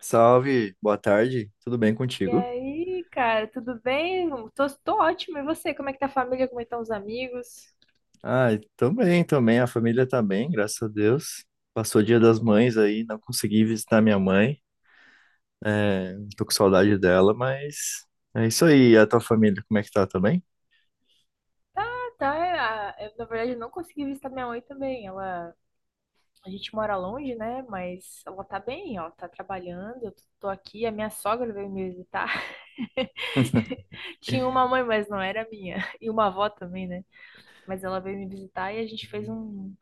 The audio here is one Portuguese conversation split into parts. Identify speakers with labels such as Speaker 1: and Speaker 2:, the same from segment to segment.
Speaker 1: Salve, boa tarde, tudo bem
Speaker 2: E
Speaker 1: contigo?
Speaker 2: aí, cara, tudo bem? Tô ótimo. E você? Como é que tá a família? Como é que estão os amigos?
Speaker 1: Ah, também, também, a família tá bem, graças a Deus. Passou o Dia das Mães aí, não consegui visitar minha mãe, é, tô com saudade dela, mas é isso aí. E a tua família, como é que tá, também?
Speaker 2: Na verdade, eu não consegui visitar minha mãe também. A gente mora longe, né? Mas ela tá bem, ó, tá trabalhando. Eu tô aqui. A minha sogra veio me visitar. Tinha uma mãe, mas não era minha. E uma avó também, né? Mas ela veio me visitar e a gente fez um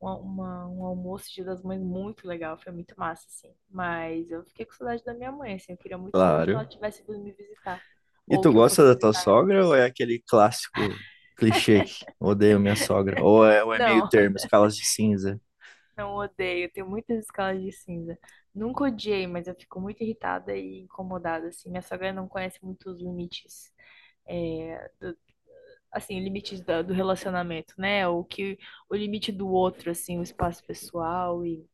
Speaker 2: uma, uma- um almoço Dia das Mães muito legal, foi muito massa, assim. Mas eu fiquei com saudade da minha mãe, assim, eu queria muito que ela
Speaker 1: Claro.
Speaker 2: tivesse vindo me visitar.
Speaker 1: E
Speaker 2: Ou
Speaker 1: tu
Speaker 2: que eu
Speaker 1: gosta
Speaker 2: fosse
Speaker 1: da tua
Speaker 2: visitar ela.
Speaker 1: sogra ou é aquele clássico clichê que odeio minha sogra? Ou é meio
Speaker 2: Não,
Speaker 1: termo, escalas de cinza?
Speaker 2: não odeio, eu tenho muitas escalas de cinza. Nunca odiei, mas eu fico muito irritada e incomodada, assim. Minha sogra não conhece muito os limites, é, do- assim, do relacionamento, né? O limite do outro, assim, o espaço pessoal. E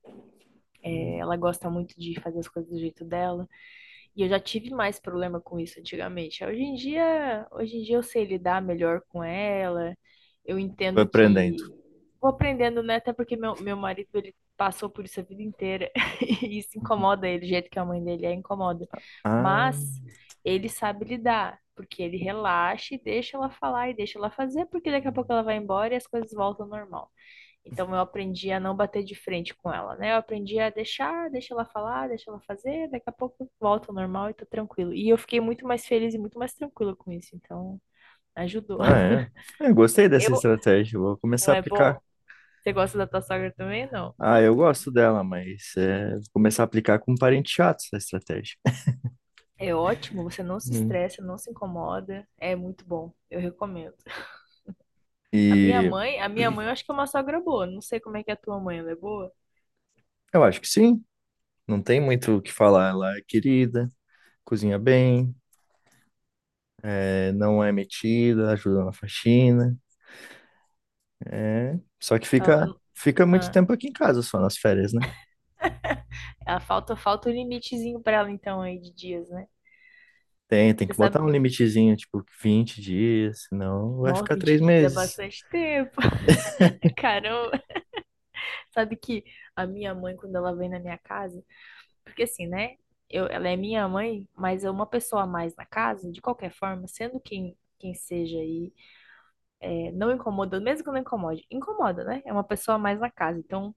Speaker 2: ela gosta muito de fazer as coisas do jeito dela. E eu já tive mais problema com isso antigamente. Hoje em dia eu sei lidar melhor com ela. Eu
Speaker 1: Fui
Speaker 2: entendo
Speaker 1: aprendendo.
Speaker 2: que vou aprendendo, né? Até porque meu marido, ele passou por isso a vida inteira. E isso incomoda ele, do jeito que a mãe dele é, incomoda.
Speaker 1: Ah,
Speaker 2: Mas ele sabe lidar, porque ele relaxa e deixa ela falar e deixa ela fazer, porque daqui a pouco ela vai embora e as coisas voltam ao normal. Então eu aprendi a não bater de frente com ela, né? Eu aprendi a deixar, deixa ela falar, deixa ela fazer, daqui a pouco volta ao normal e tô tranquilo. E eu fiquei muito mais feliz e muito mais tranquila com isso, então ajudou.
Speaker 1: ah, é. É, gostei dessa
Speaker 2: Eu,
Speaker 1: estratégia, vou começar
Speaker 2: não
Speaker 1: a
Speaker 2: é
Speaker 1: aplicar.
Speaker 2: bom? Você gosta da tua sogra também? Não.
Speaker 1: Ah, eu gosto dela, mas é, vou começar a aplicar com parente chato essa estratégia.
Speaker 2: É ótimo, você não se
Speaker 1: Hum.
Speaker 2: estressa, não se incomoda, é muito bom, eu recomendo. A minha
Speaker 1: E
Speaker 2: mãe, a minha mãe eu acho que é uma sogra boa, não sei como é que é a tua mãe, ela é boa?
Speaker 1: eu acho que sim, não tem muito o que falar. Ela é querida, cozinha bem, é, não é metida, ajuda na faxina. É, só que fica,
Speaker 2: Ela,
Speaker 1: fica muito
Speaker 2: ah,
Speaker 1: tempo aqui em casa só nas férias, né?
Speaker 2: ela falta um limitezinho pra ela então aí de dias, né?
Speaker 1: Tem
Speaker 2: Você
Speaker 1: que botar
Speaker 2: sabe,
Speaker 1: um limitezinho, tipo 20 dias, senão vai
Speaker 2: 9,
Speaker 1: ficar
Speaker 2: 20
Speaker 1: três
Speaker 2: dias é
Speaker 1: meses.
Speaker 2: bastante tempo. Caramba, sabe que a minha mãe, quando ela vem na minha casa, porque assim, né? Ela é minha mãe, mas é uma pessoa a mais na casa, de qualquer forma, sendo quem seja aí, não incomoda, mesmo que não incomode, incomoda, né? É uma pessoa a mais na casa. Então,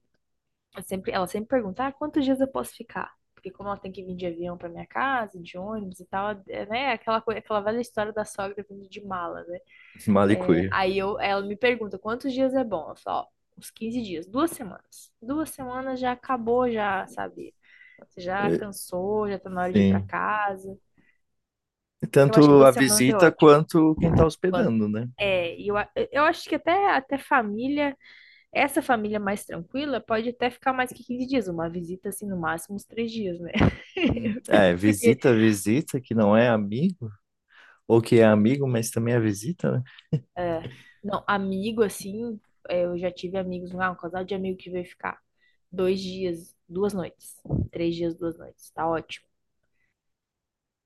Speaker 2: ela sempre pergunta, ah, quantos dias eu posso ficar? Porque como ela tem que vir de avião para minha casa, de ônibus e tal, é, né? Aquela velha história da sogra vindo de mala, né? É,
Speaker 1: Malicuia.
Speaker 2: ela me pergunta quantos dias é bom. Eu falo, ó, uns 15 dias, 2 semanas. 2 semanas já acabou, já, sabe? Você já
Speaker 1: É,
Speaker 2: cansou, já tá na hora de ir pra
Speaker 1: sim.
Speaker 2: casa. Então acho que
Speaker 1: Tanto a
Speaker 2: 2 semanas é
Speaker 1: visita
Speaker 2: ótimo.
Speaker 1: quanto quem tá
Speaker 2: Quando
Speaker 1: hospedando, né?
Speaker 2: é, e eu, a- eu acho que até família, essa família mais tranquila pode até ficar mais que 15 dias, uma visita assim, no máximo uns 3 dias, né?
Speaker 1: É,
Speaker 2: Porque
Speaker 1: visita, visita, que não é amigo, ou que é amigo, mas também é visita, né?
Speaker 2: é. Não, amigo, assim, é, eu já tive amigos, um casal de amigo que veio ficar 2 dias, 2 noites, 3 dias, 2 noites, tá ótimo.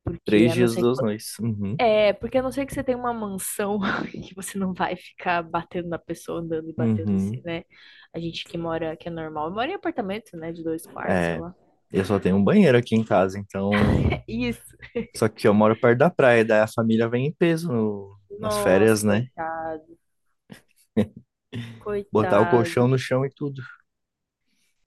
Speaker 2: Porque
Speaker 1: Três
Speaker 2: a não
Speaker 1: dias,
Speaker 2: ser que,
Speaker 1: duas noites. Uhum,
Speaker 2: porque a não ser que você tenha uma mansão que você não vai ficar batendo na pessoa, andando e batendo em si,
Speaker 1: uhum.
Speaker 2: né? A gente que mora, que é normal, mora em apartamento, né, de 2 quartos, sei
Speaker 1: É,
Speaker 2: lá.
Speaker 1: eu só tenho um banheiro aqui em casa, então.
Speaker 2: Isso.
Speaker 1: Só que eu moro perto da praia, daí a família vem em peso nas
Speaker 2: Nossa,
Speaker 1: férias, né?
Speaker 2: coitado,
Speaker 1: Botar o colchão
Speaker 2: coitado.
Speaker 1: no chão e tudo.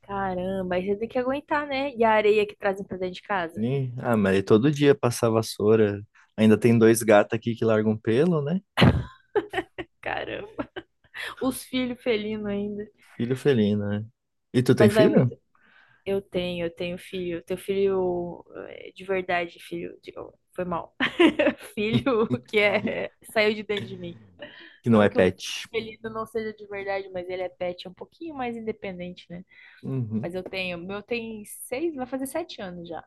Speaker 2: Caramba, aí você tem que aguentar, né? E a areia que trazem pra dentro de casa?
Speaker 1: Ih, ah, mas todo dia passar vassoura. Ainda tem dois gatos aqui que largam pelo, né?
Speaker 2: Caramba. Os filhos felinos ainda.
Speaker 1: Filho felino, né? E tu tem
Speaker 2: Mas vai muito.
Speaker 1: filho?
Speaker 2: Eu tenho filho. Teu filho é, de verdade, filho. Oh, foi mal. Filho que é, saiu de dentro de mim.
Speaker 1: Que não é
Speaker 2: Não que o
Speaker 1: pet.
Speaker 2: felino não seja de verdade, mas ele é pet, é um pouquinho mais independente, né?
Speaker 1: Uhum,
Speaker 2: Mas eu tenho. Meu tem seis, vai fazer 7 anos já.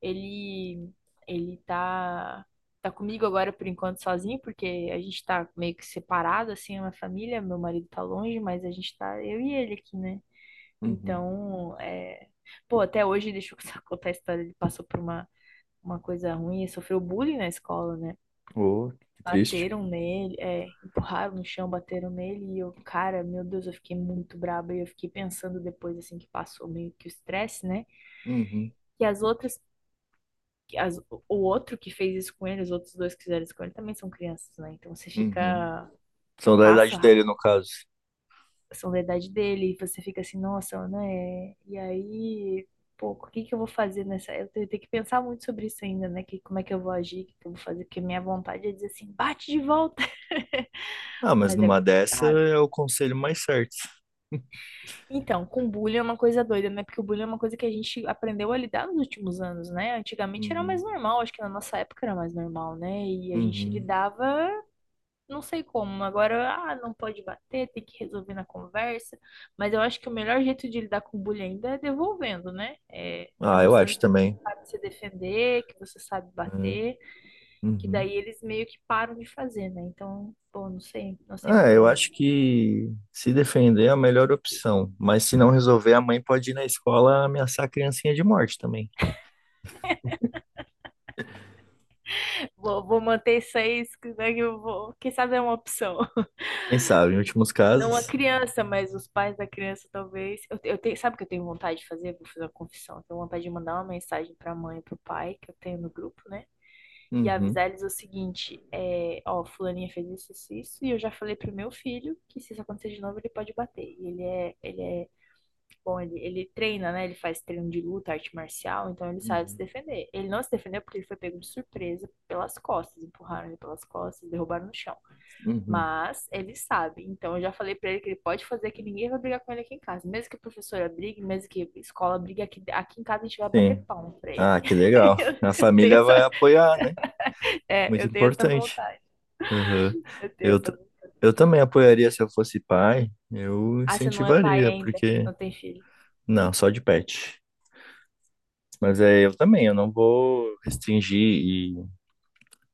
Speaker 2: Ele. Ele tá. Tá comigo agora por enquanto sozinho, porque a gente tá meio que separado, assim, é uma família. Meu marido tá longe, mas a gente tá. Eu e ele aqui, né?
Speaker 1: uhum.
Speaker 2: Então, é... pô, até hoje, deixa eu contar a história, ele passou por uma coisa ruim, ele sofreu bullying na escola, né?
Speaker 1: Oh, que triste.
Speaker 2: Bateram nele, é, empurraram no chão, bateram nele, e eu, cara, meu Deus, eu fiquei muito braba, e eu fiquei pensando depois, assim, que passou meio que o estresse, né?
Speaker 1: Uhum.
Speaker 2: Que as outras, que as, O outro que fez isso com ele, os outros dois que fizeram isso com ele, também são crianças, né? Então você
Speaker 1: Uhum.
Speaker 2: fica,
Speaker 1: São da
Speaker 2: passa
Speaker 1: idade dele, no caso.
Speaker 2: são da idade dele, e você fica assim, nossa, né? E aí, pô, o que que eu vou fazer nessa? Eu tenho que pensar muito sobre isso ainda, né? Que, como é que eu vou agir, o que que eu vou fazer, porque minha vontade é dizer assim, bate de volta,
Speaker 1: Ah, mas
Speaker 2: mas é
Speaker 1: numa dessa
Speaker 2: complicado.
Speaker 1: é o conselho mais certo.
Speaker 2: Então, com bullying é uma coisa doida, né? Porque o bullying é uma coisa que a gente aprendeu a lidar nos últimos anos, né? Antigamente era mais
Speaker 1: Uhum.
Speaker 2: normal, acho que na nossa época era mais normal, né? E a gente
Speaker 1: Uhum.
Speaker 2: lidava não sei como. Agora, ah, não pode bater, tem que resolver na conversa. Mas eu acho que o melhor jeito de lidar com bullying ainda é devolvendo, né? É
Speaker 1: Ah, eu
Speaker 2: mostrando
Speaker 1: acho
Speaker 2: que
Speaker 1: também,
Speaker 2: você sabe se defender, que você sabe
Speaker 1: né?
Speaker 2: bater, que
Speaker 1: Uhum.
Speaker 2: daí eles meio que param de fazer, né? Então, bom, não sei, não sei
Speaker 1: Ah,
Speaker 2: muito
Speaker 1: eu
Speaker 2: bem.
Speaker 1: acho que se defender é a melhor opção. Mas se não resolver, a mãe pode ir na escola ameaçar a criancinha de morte também.
Speaker 2: Vou manter isso aí, né, que eu vou, quem sabe é uma opção.
Speaker 1: Quem sabe, em últimos
Speaker 2: Não a
Speaker 1: casos.
Speaker 2: criança, mas os pais da criança, talvez. Eu tenho, sabe o que eu tenho vontade de fazer? Vou fazer uma confissão. Eu tenho vontade de mandar uma mensagem pra mãe e pro pai, que eu tenho no grupo, né? E
Speaker 1: Uhum.
Speaker 2: avisar eles o seguinte: é, ó, fulaninha fez isso, isso, isso, e eu já falei pro meu filho que se isso acontecer de novo, ele pode bater. Bom, ele treina, né? Ele faz treino de luta, arte marcial, então ele sabe se
Speaker 1: Uhum.
Speaker 2: defender. Ele não se defendeu porque ele foi pego de surpresa pelas costas, empurraram ele pelas costas, derrubaram no chão.
Speaker 1: Uhum.
Speaker 2: Mas ele sabe. Então eu já falei pra ele que ele pode fazer que ninguém vai brigar com ele aqui em casa. Mesmo que a professora brigue, mesmo que a escola brigue, aqui em casa a gente vai bater
Speaker 1: Sim.
Speaker 2: palma pra ele.
Speaker 1: Ah, que legal. A
Speaker 2: Eu tenho
Speaker 1: família vai
Speaker 2: essa,
Speaker 1: apoiar, né? Muito
Speaker 2: eu tenho essa
Speaker 1: importante.
Speaker 2: vontade.
Speaker 1: Aham.
Speaker 2: Eu tenho
Speaker 1: Eu,
Speaker 2: essa
Speaker 1: t-
Speaker 2: vontade.
Speaker 1: eu também apoiaria se eu fosse pai, eu
Speaker 2: Ah, você não é pai
Speaker 1: incentivaria,
Speaker 2: ainda,
Speaker 1: porque.
Speaker 2: não tem filho.
Speaker 1: Não, só de pet. Mas é, eu também, eu não vou restringir e,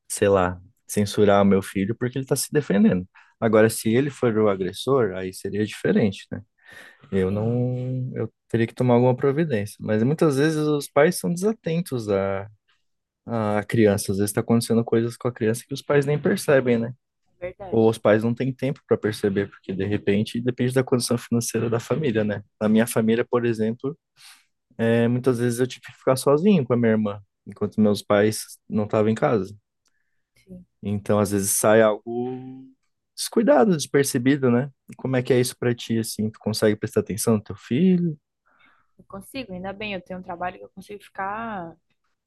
Speaker 1: sei lá, censurar o meu filho porque ele tá se defendendo. Agora, se ele for o agressor, aí seria diferente, né? Eu
Speaker 2: Sim,
Speaker 1: não. Eu teria que tomar alguma providência. Mas muitas vezes os pais são desatentos à criança. Às vezes está acontecendo coisas com a criança que os pais nem percebem, né?
Speaker 2: é
Speaker 1: Ou os
Speaker 2: verdade.
Speaker 1: pais não têm tempo para perceber, porque de repente depende da condição financeira da família, né? Na minha família, por exemplo, é, muitas vezes eu tive que ficar sozinho com a minha irmã, enquanto meus pais não estavam em casa.
Speaker 2: Sim.
Speaker 1: Então, às vezes sai algo descuidado, despercebido, né? Como é que é isso para ti, assim? Tu consegue prestar atenção no teu filho?
Speaker 2: Eu consigo, ainda bem, eu tenho um trabalho que eu consigo ficar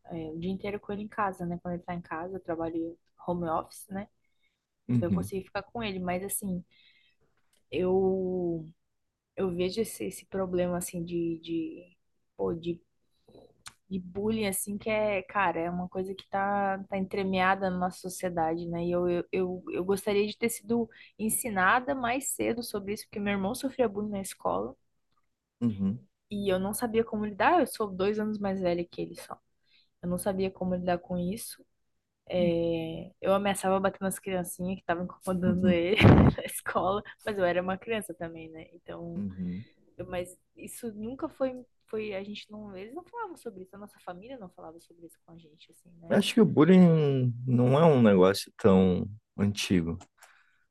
Speaker 2: o dia inteiro com ele em casa, né? Quando ele tá em casa, eu trabalho home office, né? Eu
Speaker 1: Uhum,
Speaker 2: consigo ficar com ele, mas assim, eu Eu vejo esse problema, assim, pô, de, de bullying, assim, que é, cara, é uma coisa que tá entremeada na nossa sociedade, né? E eu gostaria de ter sido ensinada mais cedo sobre isso, porque meu irmão sofria bullying na escola
Speaker 1: uhum,
Speaker 2: e eu não sabia como lidar. Eu sou 2 anos mais velha que ele só. Eu não sabia como lidar com isso. É, eu ameaçava bater nas criancinhas que estavam incomodando
Speaker 1: uhum,
Speaker 2: ele na escola, mas eu era uma criança também, né? Então
Speaker 1: uhum.
Speaker 2: mas isso nunca foi, foi, a gente não, eles não falavam sobre isso, a nossa família não falava sobre isso com a gente, assim, né?
Speaker 1: Acho que o bullying não é um negócio tão antigo.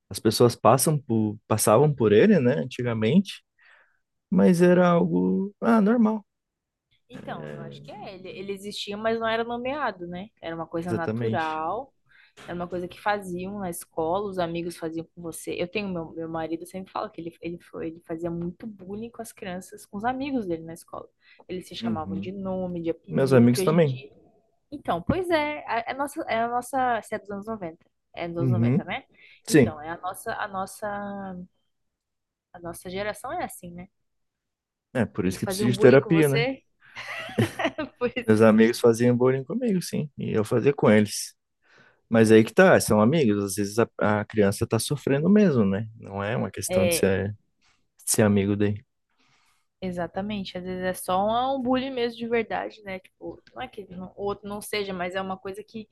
Speaker 1: As pessoas passam por, passavam por ele, né, antigamente, mas era algo, ah, normal.
Speaker 2: Então, eu acho que é. Ele existia, mas não era nomeado, né? Era uma coisa
Speaker 1: Exatamente.
Speaker 2: natural, era uma coisa que faziam na escola, os amigos faziam com você. Eu tenho meu marido sempre fala que ele fazia muito bullying com as crianças, com os amigos dele na escola. Eles se chamavam
Speaker 1: Uhum.
Speaker 2: de nome, de
Speaker 1: Meus
Speaker 2: apelido, que
Speaker 1: amigos
Speaker 2: hoje em
Speaker 1: também.
Speaker 2: dia. Então, pois é, é a nossa, isso é dos anos 90. É dos anos 90,
Speaker 1: Uhum.
Speaker 2: né?
Speaker 1: Sim.
Speaker 2: Então, a nossa geração é assim, né?
Speaker 1: É por isso
Speaker 2: Eles
Speaker 1: que
Speaker 2: faziam
Speaker 1: preciso de
Speaker 2: bullying com
Speaker 1: terapia, né?
Speaker 2: você, por isso eu
Speaker 1: Meus
Speaker 2: preciso
Speaker 1: amigos faziam bullying comigo, sim, e eu fazia com eles. Mas aí que tá, são amigos, às vezes a criança tá sofrendo mesmo, né? Não é uma questão de ser amigo daí.
Speaker 2: exatamente, às vezes é só um bullying mesmo de verdade, né? Tipo, não é que não- o outro não seja, mas é uma coisa que,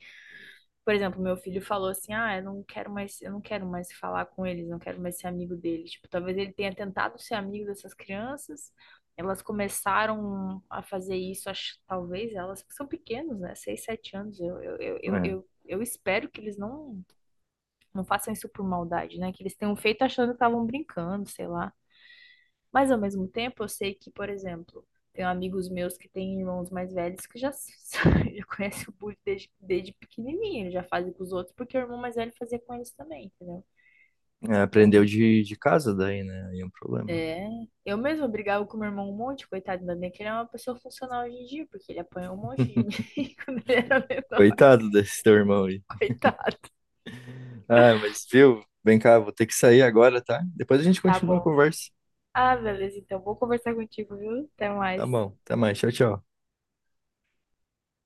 Speaker 2: por exemplo, meu filho falou assim: "Ah, eu não quero mais, eu não quero mais falar com eles, não quero mais ser amigo deles". Tipo, talvez ele tenha tentado ser amigo dessas crianças, elas começaram a fazer isso, acho, talvez elas que são pequenos, né? Seis, sete anos.
Speaker 1: É.
Speaker 2: Eu espero que eles não, não façam isso por maldade, né? Que eles tenham feito achando que estavam brincando, sei lá. Mas ao mesmo tempo, eu sei que, por exemplo, tenho amigos meus que têm irmãos mais velhos que já, já conhecem o bullying desde pequenininho, eles já fazem com os outros, porque o irmão mais velho fazia com eles também, entendeu?
Speaker 1: É, aprendeu
Speaker 2: Então,
Speaker 1: de casa daí, né? Aí é um problema.
Speaker 2: é. Eu mesma brigava com meu irmão um monte, coitado, ainda bem que ele é uma pessoa funcional hoje em dia, porque ele apanhou um monte de mim quando ele era menor,
Speaker 1: Coitado desse teu irmão aí.
Speaker 2: coitado.
Speaker 1: Ah, mas viu? Vem cá, vou ter que sair agora, tá? Depois a gente
Speaker 2: Tá
Speaker 1: continua a
Speaker 2: bom.
Speaker 1: conversa.
Speaker 2: Ah, beleza, então vou conversar contigo, viu? Até
Speaker 1: Tá
Speaker 2: mais.
Speaker 1: bom, até mais. Tchau, tchau.